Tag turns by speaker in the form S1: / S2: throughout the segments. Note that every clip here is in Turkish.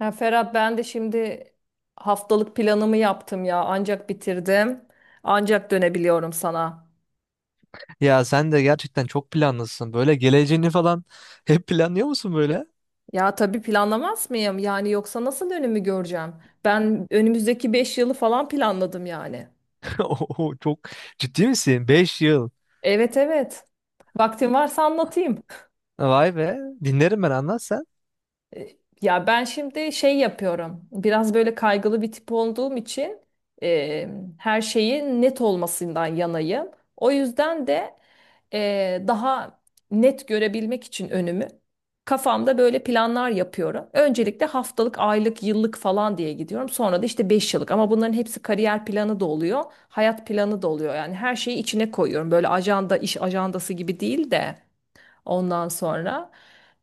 S1: Ya Ferhat ben de şimdi haftalık planımı yaptım ya. Ancak bitirdim. Ancak dönebiliyorum sana.
S2: Ya sen de gerçekten çok planlısın. Böyle geleceğini falan hep planlıyor musun böyle?
S1: Ya tabii planlamaz mıyım? Yani yoksa nasıl önümü göreceğim? Ben önümüzdeki 5 yılı falan planladım yani.
S2: Oo, çok ciddi misin? 5 yıl.
S1: Evet evet. Vaktin varsa anlatayım.
S2: Vay be. Dinlerim ben anlat sen.
S1: E, Ya ben şimdi şey yapıyorum. Biraz böyle kaygılı bir tip olduğum için e, her şeyin net olmasından yanayım. O yüzden de daha net görebilmek için önümü kafamda böyle planlar yapıyorum. Öncelikle haftalık, aylık, yıllık falan diye gidiyorum. Sonra da işte 5 yıllık ama bunların hepsi kariyer planı da oluyor, hayat planı da oluyor. Yani her şeyi içine koyuyorum. Böyle ajanda, iş ajandası gibi değil de ondan sonra.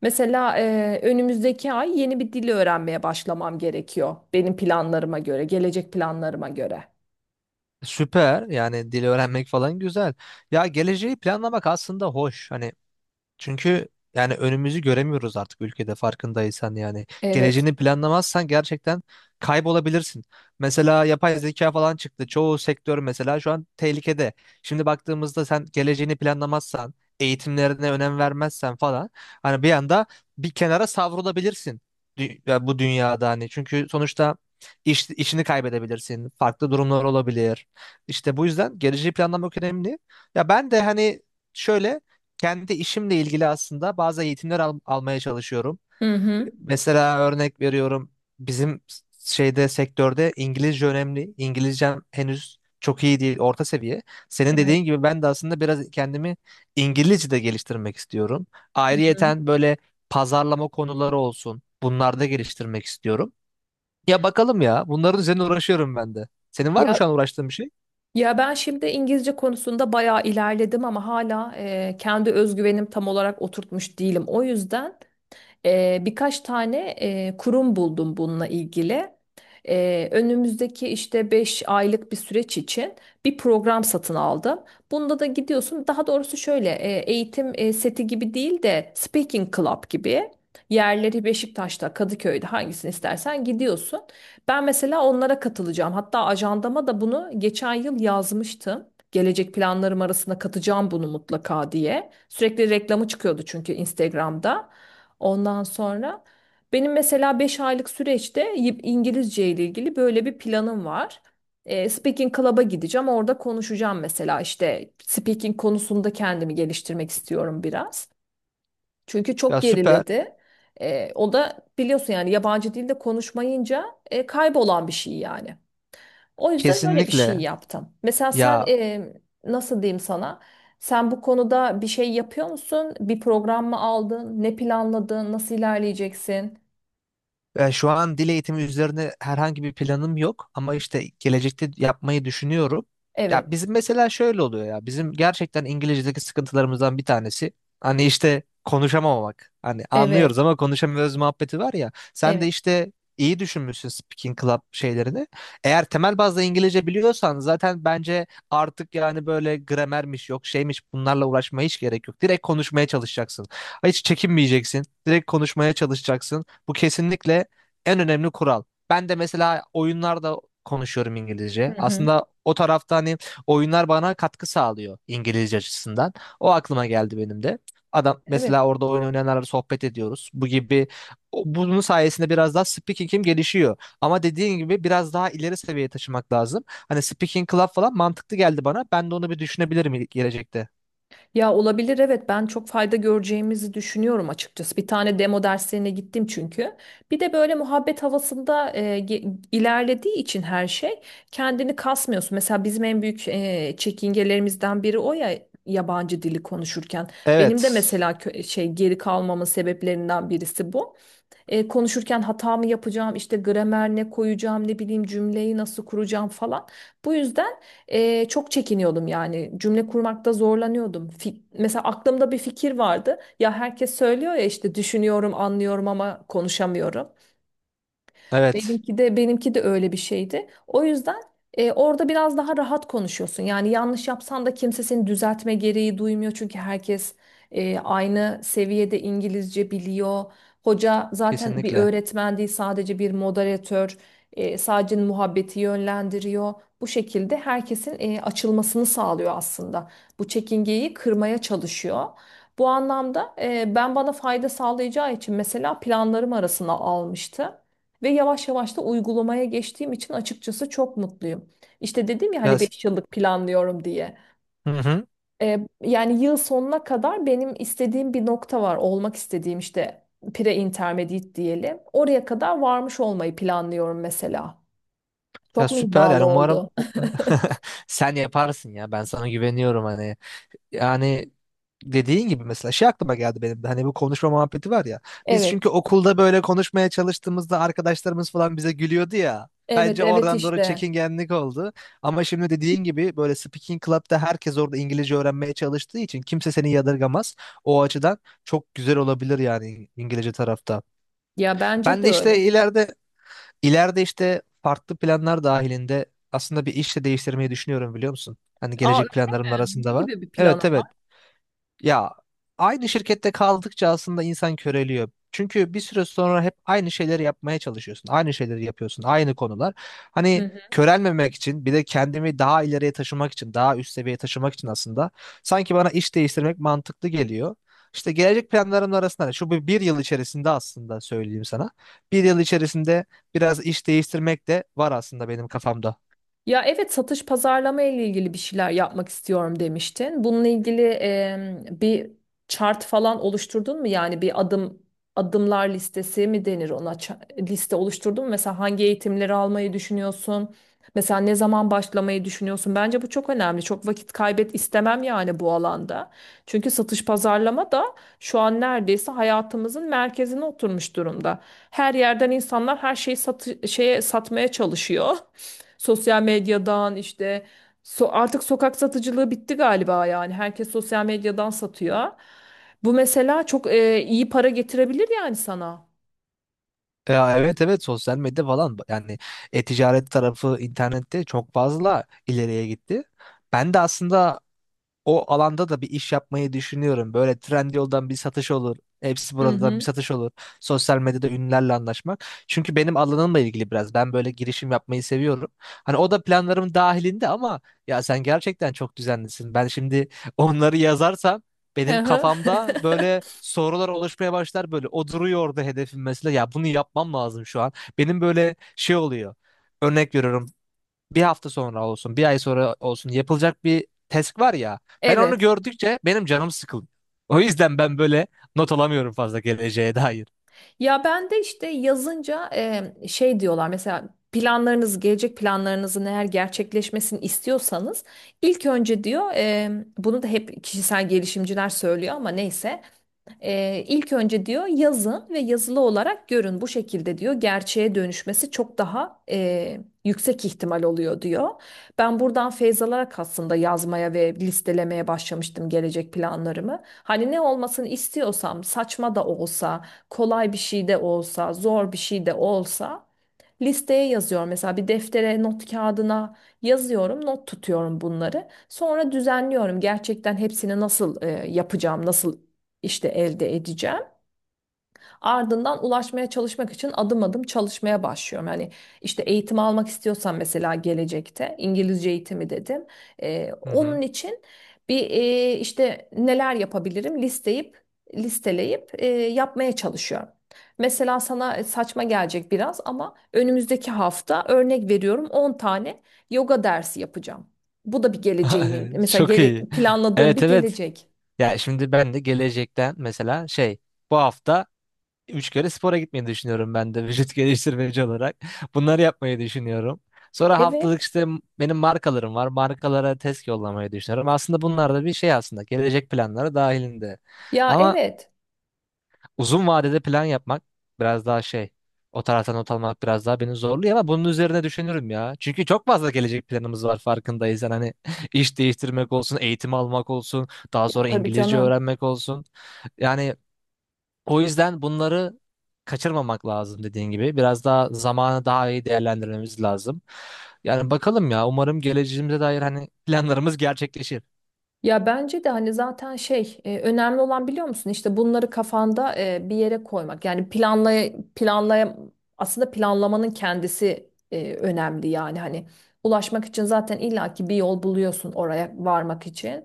S1: Mesela önümüzdeki ay yeni bir dil öğrenmeye başlamam gerekiyor benim planlarıma göre, gelecek planlarıma göre.
S2: Süper. Yani dil öğrenmek falan güzel. Ya geleceği planlamak aslında hoş. Hani çünkü yani önümüzü göremiyoruz artık ülkede farkındaysan yani.
S1: Evet.
S2: Geleceğini planlamazsan gerçekten kaybolabilirsin. Mesela yapay zeka falan çıktı. Çoğu sektör mesela şu an tehlikede. Şimdi baktığımızda sen geleceğini planlamazsan, eğitimlerine önem vermezsen falan hani bir anda bir kenara savrulabilirsin ya bu dünyada hani. Çünkü sonuçta işini kaybedebilirsin. Farklı durumlar olabilir. İşte bu yüzden geleceği planlamak önemli. Ya ben de hani şöyle kendi işimle ilgili aslında bazı eğitimler almaya çalışıyorum.
S1: Hı hı.
S2: Mesela örnek veriyorum bizim şeyde sektörde İngilizce önemli. İngilizcem henüz çok iyi değil, orta seviye. Senin
S1: Evet.
S2: dediğin gibi ben de aslında biraz kendimi İngilizce'de geliştirmek istiyorum.
S1: Hı hı.
S2: Ayrıyeten böyle pazarlama konuları olsun. Bunlarda geliştirmek istiyorum. Ya bakalım ya. Bunların üzerine uğraşıyorum ben de. Senin var mı
S1: Ya
S2: şu an uğraştığın bir şey?
S1: ya ben şimdi İngilizce konusunda bayağı ilerledim ama hala kendi özgüvenim tam olarak oturtmuş değilim. O yüzden birkaç tane kurum buldum bununla ilgili. Önümüzdeki işte 5 aylık bir süreç için bir program satın aldım. Bunda da gidiyorsun. Daha doğrusu şöyle eğitim seti gibi değil de Speaking Club gibi. Yerleri Beşiktaş'ta, Kadıköy'de hangisini istersen gidiyorsun. Ben mesela onlara katılacağım. Hatta ajandama da bunu geçen yıl yazmıştım. Gelecek planlarım arasında katacağım bunu mutlaka diye. Sürekli reklamı çıkıyordu çünkü Instagram'da. Ondan sonra benim mesela 5 aylık süreçte İngilizce ile ilgili böyle bir planım var. Speaking Club'a gideceğim. Orada konuşacağım mesela işte speaking konusunda kendimi geliştirmek istiyorum biraz. Çünkü çok
S2: Ya süper.
S1: geriledi. O da biliyorsun yani yabancı dilde konuşmayınca kaybolan bir şey yani. O yüzden böyle bir şey
S2: Kesinlikle.
S1: yaptım. Mesela sen
S2: Ya,
S1: nasıl diyeyim sana? Sen bu konuda bir şey yapıyor musun? Bir program mı aldın? Ne planladın? Nasıl ilerleyeceksin?
S2: E, şu an dil eğitimi üzerine herhangi bir planım yok ama işte gelecekte yapmayı düşünüyorum. Ya
S1: Evet,
S2: bizim mesela şöyle oluyor ya bizim gerçekten İngilizce'deki sıkıntılarımızdan bir tanesi hani işte konuşamamak. Hani
S1: evet,
S2: anlıyoruz ama konuşamıyoruz muhabbeti var ya. Sen de
S1: evet.
S2: işte iyi düşünmüşsün Speaking Club şeylerini. Eğer temel bazda İngilizce biliyorsan zaten bence artık yani böyle gramermiş yok şeymiş bunlarla uğraşmaya hiç gerek yok. Direkt konuşmaya çalışacaksın. Hiç çekinmeyeceksin. Direkt konuşmaya çalışacaksın. Bu kesinlikle en önemli kural. Ben de mesela oyunlarda konuşuyorum
S1: Hı
S2: İngilizce.
S1: hı.
S2: Aslında o tarafta hani oyunlar bana katkı sağlıyor İngilizce açısından. O aklıma geldi benim de. Adam
S1: Evet.
S2: mesela orada oyun oynayanlarla sohbet ediyoruz. Bu gibi bunun sayesinde biraz daha speaking'im gelişiyor. Ama dediğin gibi biraz daha ileri seviyeye taşımak lazım. Hani speaking club falan mantıklı geldi bana. Ben de onu bir düşünebilirim gelecekte.
S1: Ya olabilir evet ben çok fayda göreceğimizi düşünüyorum açıkçası. Bir tane demo derslerine gittim çünkü. Bir de böyle muhabbet havasında ilerlediği için her şey kendini kasmıyorsun. Mesela bizim en büyük çekingelerimizden biri o ya yabancı dili konuşurken. Benim de
S2: Evet.
S1: mesela şey geri kalmamın sebeplerinden birisi bu. Konuşurken hata mı yapacağım, işte gramer ne koyacağım, ne bileyim cümleyi nasıl kuracağım falan. Bu yüzden çok çekiniyordum yani cümle kurmakta zorlanıyordum. Mesela aklımda bir fikir vardı. Ya herkes söylüyor ya işte düşünüyorum, anlıyorum ama konuşamıyorum.
S2: Evet.
S1: Benimki de benimki de öyle bir şeydi. O yüzden orada biraz daha rahat konuşuyorsun. Yani yanlış yapsan da kimse seni düzeltme gereği duymuyor. Çünkü herkes aynı seviyede İngilizce biliyor. Hoca zaten bir
S2: Kesinlikle.
S1: öğretmen değil sadece bir moderatör. Sadece muhabbeti yönlendiriyor. Bu şekilde herkesin açılmasını sağlıyor aslında. Bu çekingeyi kırmaya çalışıyor. Bu anlamda ben bana fayda sağlayacağı için mesela planlarım arasına almıştı. Ve yavaş yavaş da uygulamaya geçtiğim için açıkçası çok mutluyum. İşte dedim ya
S2: Ya,
S1: hani 5 yıllık planlıyorum diye.
S2: hı hı.
S1: Yani yıl sonuna kadar benim istediğim bir nokta var. Olmak istediğim işte pre-intermediate diyelim. Oraya kadar varmış olmayı planlıyorum mesela.
S2: Ya
S1: Çok mu
S2: süper yani
S1: iddialı
S2: umarım
S1: oldu?
S2: sen yaparsın ya ben sana güveniyorum hani yani dediğin gibi mesela şey aklıma geldi benim de hani bu konuşma muhabbeti var ya biz
S1: Evet,
S2: çünkü okulda böyle konuşmaya çalıştığımızda arkadaşlarımız falan bize gülüyordu ya
S1: evet,
S2: bence
S1: evet
S2: oradan doğru
S1: işte.
S2: çekingenlik oldu ama şimdi dediğin gibi böyle speaking club'da herkes orada İngilizce öğrenmeye çalıştığı için kimse seni yadırgamaz o açıdan çok güzel olabilir yani İngilizce tarafta
S1: Ya bence
S2: ben
S1: de
S2: de işte
S1: öyle.
S2: ileride. İleride işte farklı planlar dahilinde aslında bir iş de değiştirmeyi düşünüyorum biliyor musun? Hani
S1: Aa
S2: gelecek planlarım
S1: öyle mi? Ne
S2: arasında var.
S1: gibi bir
S2: Evet
S1: planım
S2: evet. Ya aynı şirkette kaldıkça aslında insan köreliyor. Çünkü bir süre sonra hep aynı şeyleri yapmaya çalışıyorsun. Aynı şeyleri yapıyorsun. Aynı konular. Hani
S1: var?
S2: körelmemek için bir de kendimi daha ileriye taşımak için, daha üst seviyeye taşımak için aslında sanki bana iş değiştirmek mantıklı geliyor. İşte gelecek planlarımın arasında hani şu bir yıl içerisinde aslında söyleyeyim sana. 1 yıl içerisinde biraz iş değiştirmek de var aslında benim kafamda.
S1: Ya evet satış pazarlama ile ilgili bir şeyler yapmak istiyorum demiştin. Bununla ilgili bir chart falan oluşturdun mu? Yani bir adımlar listesi mi denir ona? Liste oluşturdun mu? Mesela hangi eğitimleri almayı düşünüyorsun? Mesela ne zaman başlamayı düşünüyorsun? Bence bu çok önemli. Çok vakit kaybet istemem yani bu alanda. Çünkü satış pazarlama da şu an neredeyse hayatımızın merkezine oturmuş durumda. Her yerden insanlar her şeyi şeye satmaya çalışıyor. Sosyal medyadan işte artık sokak satıcılığı bitti galiba yani. Herkes sosyal medyadan satıyor. Bu mesela çok iyi para getirebilir yani sana.
S2: Ya evet evet sosyal medya falan yani e-ticaret tarafı internette çok fazla ileriye gitti. Ben de aslında o alanda da bir iş yapmayı düşünüyorum. Böyle Trendyol'dan bir satış olur. Hepsi
S1: Hı
S2: buradan bir
S1: hı.
S2: satış olur. Sosyal medyada ünlülerle anlaşmak. Çünkü benim alanımla ilgili biraz. Ben böyle girişim yapmayı seviyorum. Hani o da planlarım dahilinde ama ya sen gerçekten çok düzenlisin. Ben şimdi onları yazarsam
S1: Hı
S2: benim
S1: hı.
S2: kafamda böyle sorular oluşmaya başlar böyle. O duruyor orada hedefim mesela. Ya bunu yapmam lazım şu an. Benim böyle şey oluyor. Örnek veriyorum bir hafta sonra olsun, bir ay sonra olsun yapılacak bir task var ya. Ben onu
S1: Evet.
S2: gördükçe benim canım sıkıldı. O yüzden ben böyle not alamıyorum fazla geleceğe dair.
S1: Ya ben de işte yazınca şey diyorlar mesela planlarınız gelecek planlarınızın eğer gerçekleşmesini istiyorsanız ilk önce diyor bunu da hep kişisel gelişimciler söylüyor ama neyse ilk önce diyor yazın ve yazılı olarak görün bu şekilde diyor gerçeğe dönüşmesi çok daha yüksek ihtimal oluyor diyor. Ben buradan feyz alarak aslında yazmaya ve listelemeye başlamıştım gelecek planlarımı. Hani ne olmasını istiyorsam saçma da olsa, kolay bir şey de olsa, zor bir şey de olsa listeye yazıyorum. Mesela bir deftere, not kağıdına yazıyorum, not tutuyorum bunları. Sonra düzenliyorum. Gerçekten hepsini nasıl yapacağım, nasıl işte elde edeceğim. Ardından ulaşmaya çalışmak için adım adım çalışmaya başlıyorum. Hani işte eğitim almak istiyorsan mesela gelecekte İngilizce eğitimi dedim.
S2: Hı hı.
S1: Onun için bir işte neler yapabilirim listeleyip yapmaya çalışıyorum. Mesela sana saçma gelecek biraz ama önümüzdeki hafta örnek veriyorum 10 tane yoga dersi yapacağım. Bu da bir geleceğimin mesela
S2: Çok iyi.
S1: planladığım
S2: Evet
S1: bir
S2: evet.
S1: gelecek.
S2: Ya şimdi ben de gelecekten mesela şey bu hafta 3 kere spora gitmeyi düşünüyorum ben de vücut geliştirmeci olarak. Bunları yapmayı düşünüyorum. Sonra
S1: Evet.
S2: haftalık işte benim markalarım var. Markalara test yollamayı düşünüyorum. Aslında bunlar da bir şey aslında. Gelecek planları dahilinde.
S1: Ya
S2: Ama
S1: evet.
S2: uzun vadede plan yapmak biraz daha şey. O taraftan not almak biraz daha beni zorluyor ama bunun üzerine düşünürüm ya. Çünkü çok fazla gelecek planımız var farkındaysan. Hani iş değiştirmek olsun, eğitim almak olsun, daha
S1: Ya
S2: sonra
S1: tabii
S2: İngilizce
S1: canım.
S2: öğrenmek olsun. Yani o yüzden bunları kaçırmamak lazım dediğin gibi. Biraz daha zamanı daha iyi değerlendirmemiz lazım. Yani bakalım ya umarım geleceğimize dair hani planlarımız gerçekleşir.
S1: Ya bence de hani zaten şey önemli olan biliyor musun işte bunları kafanda bir yere koymak yani planlay planlay aslında planlamanın kendisi önemli yani hani ulaşmak için zaten illaki bir yol buluyorsun oraya varmak için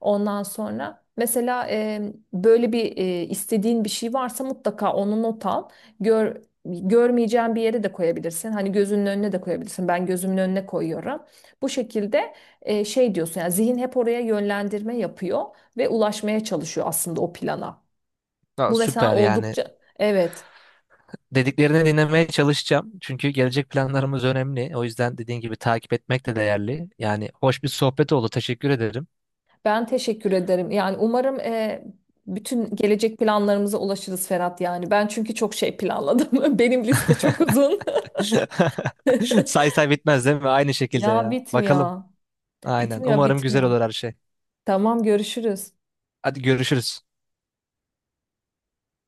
S1: ondan sonra mesela böyle bir istediğin bir şey varsa mutlaka onu not al gör görmeyeceğin bir yere de koyabilirsin hani gözünün önüne de koyabilirsin ben gözümün önüne koyuyorum bu şekilde şey diyorsun yani zihin hep oraya yönlendirme yapıyor ve ulaşmaya çalışıyor aslında o plana.
S2: Aa,
S1: Bu mesela
S2: süper yani
S1: oldukça, evet,
S2: dediklerini dinlemeye çalışacağım. Çünkü gelecek planlarımız önemli. O yüzden dediğin gibi takip etmek de değerli. Yani hoş bir sohbet oldu. Teşekkür ederim.
S1: ben teşekkür ederim. Yani umarım bütün gelecek planlarımıza ulaşırız Ferhat yani. Ben çünkü çok şey planladım. Benim liste çok uzun.
S2: Say say bitmez değil mi? Aynı şekilde
S1: Ya
S2: ya. Bakalım.
S1: bitmiyor.
S2: Aynen.
S1: Bitmiyor,
S2: Umarım güzel
S1: bitmiyor.
S2: olur her şey.
S1: Tamam görüşürüz.
S2: Hadi görüşürüz.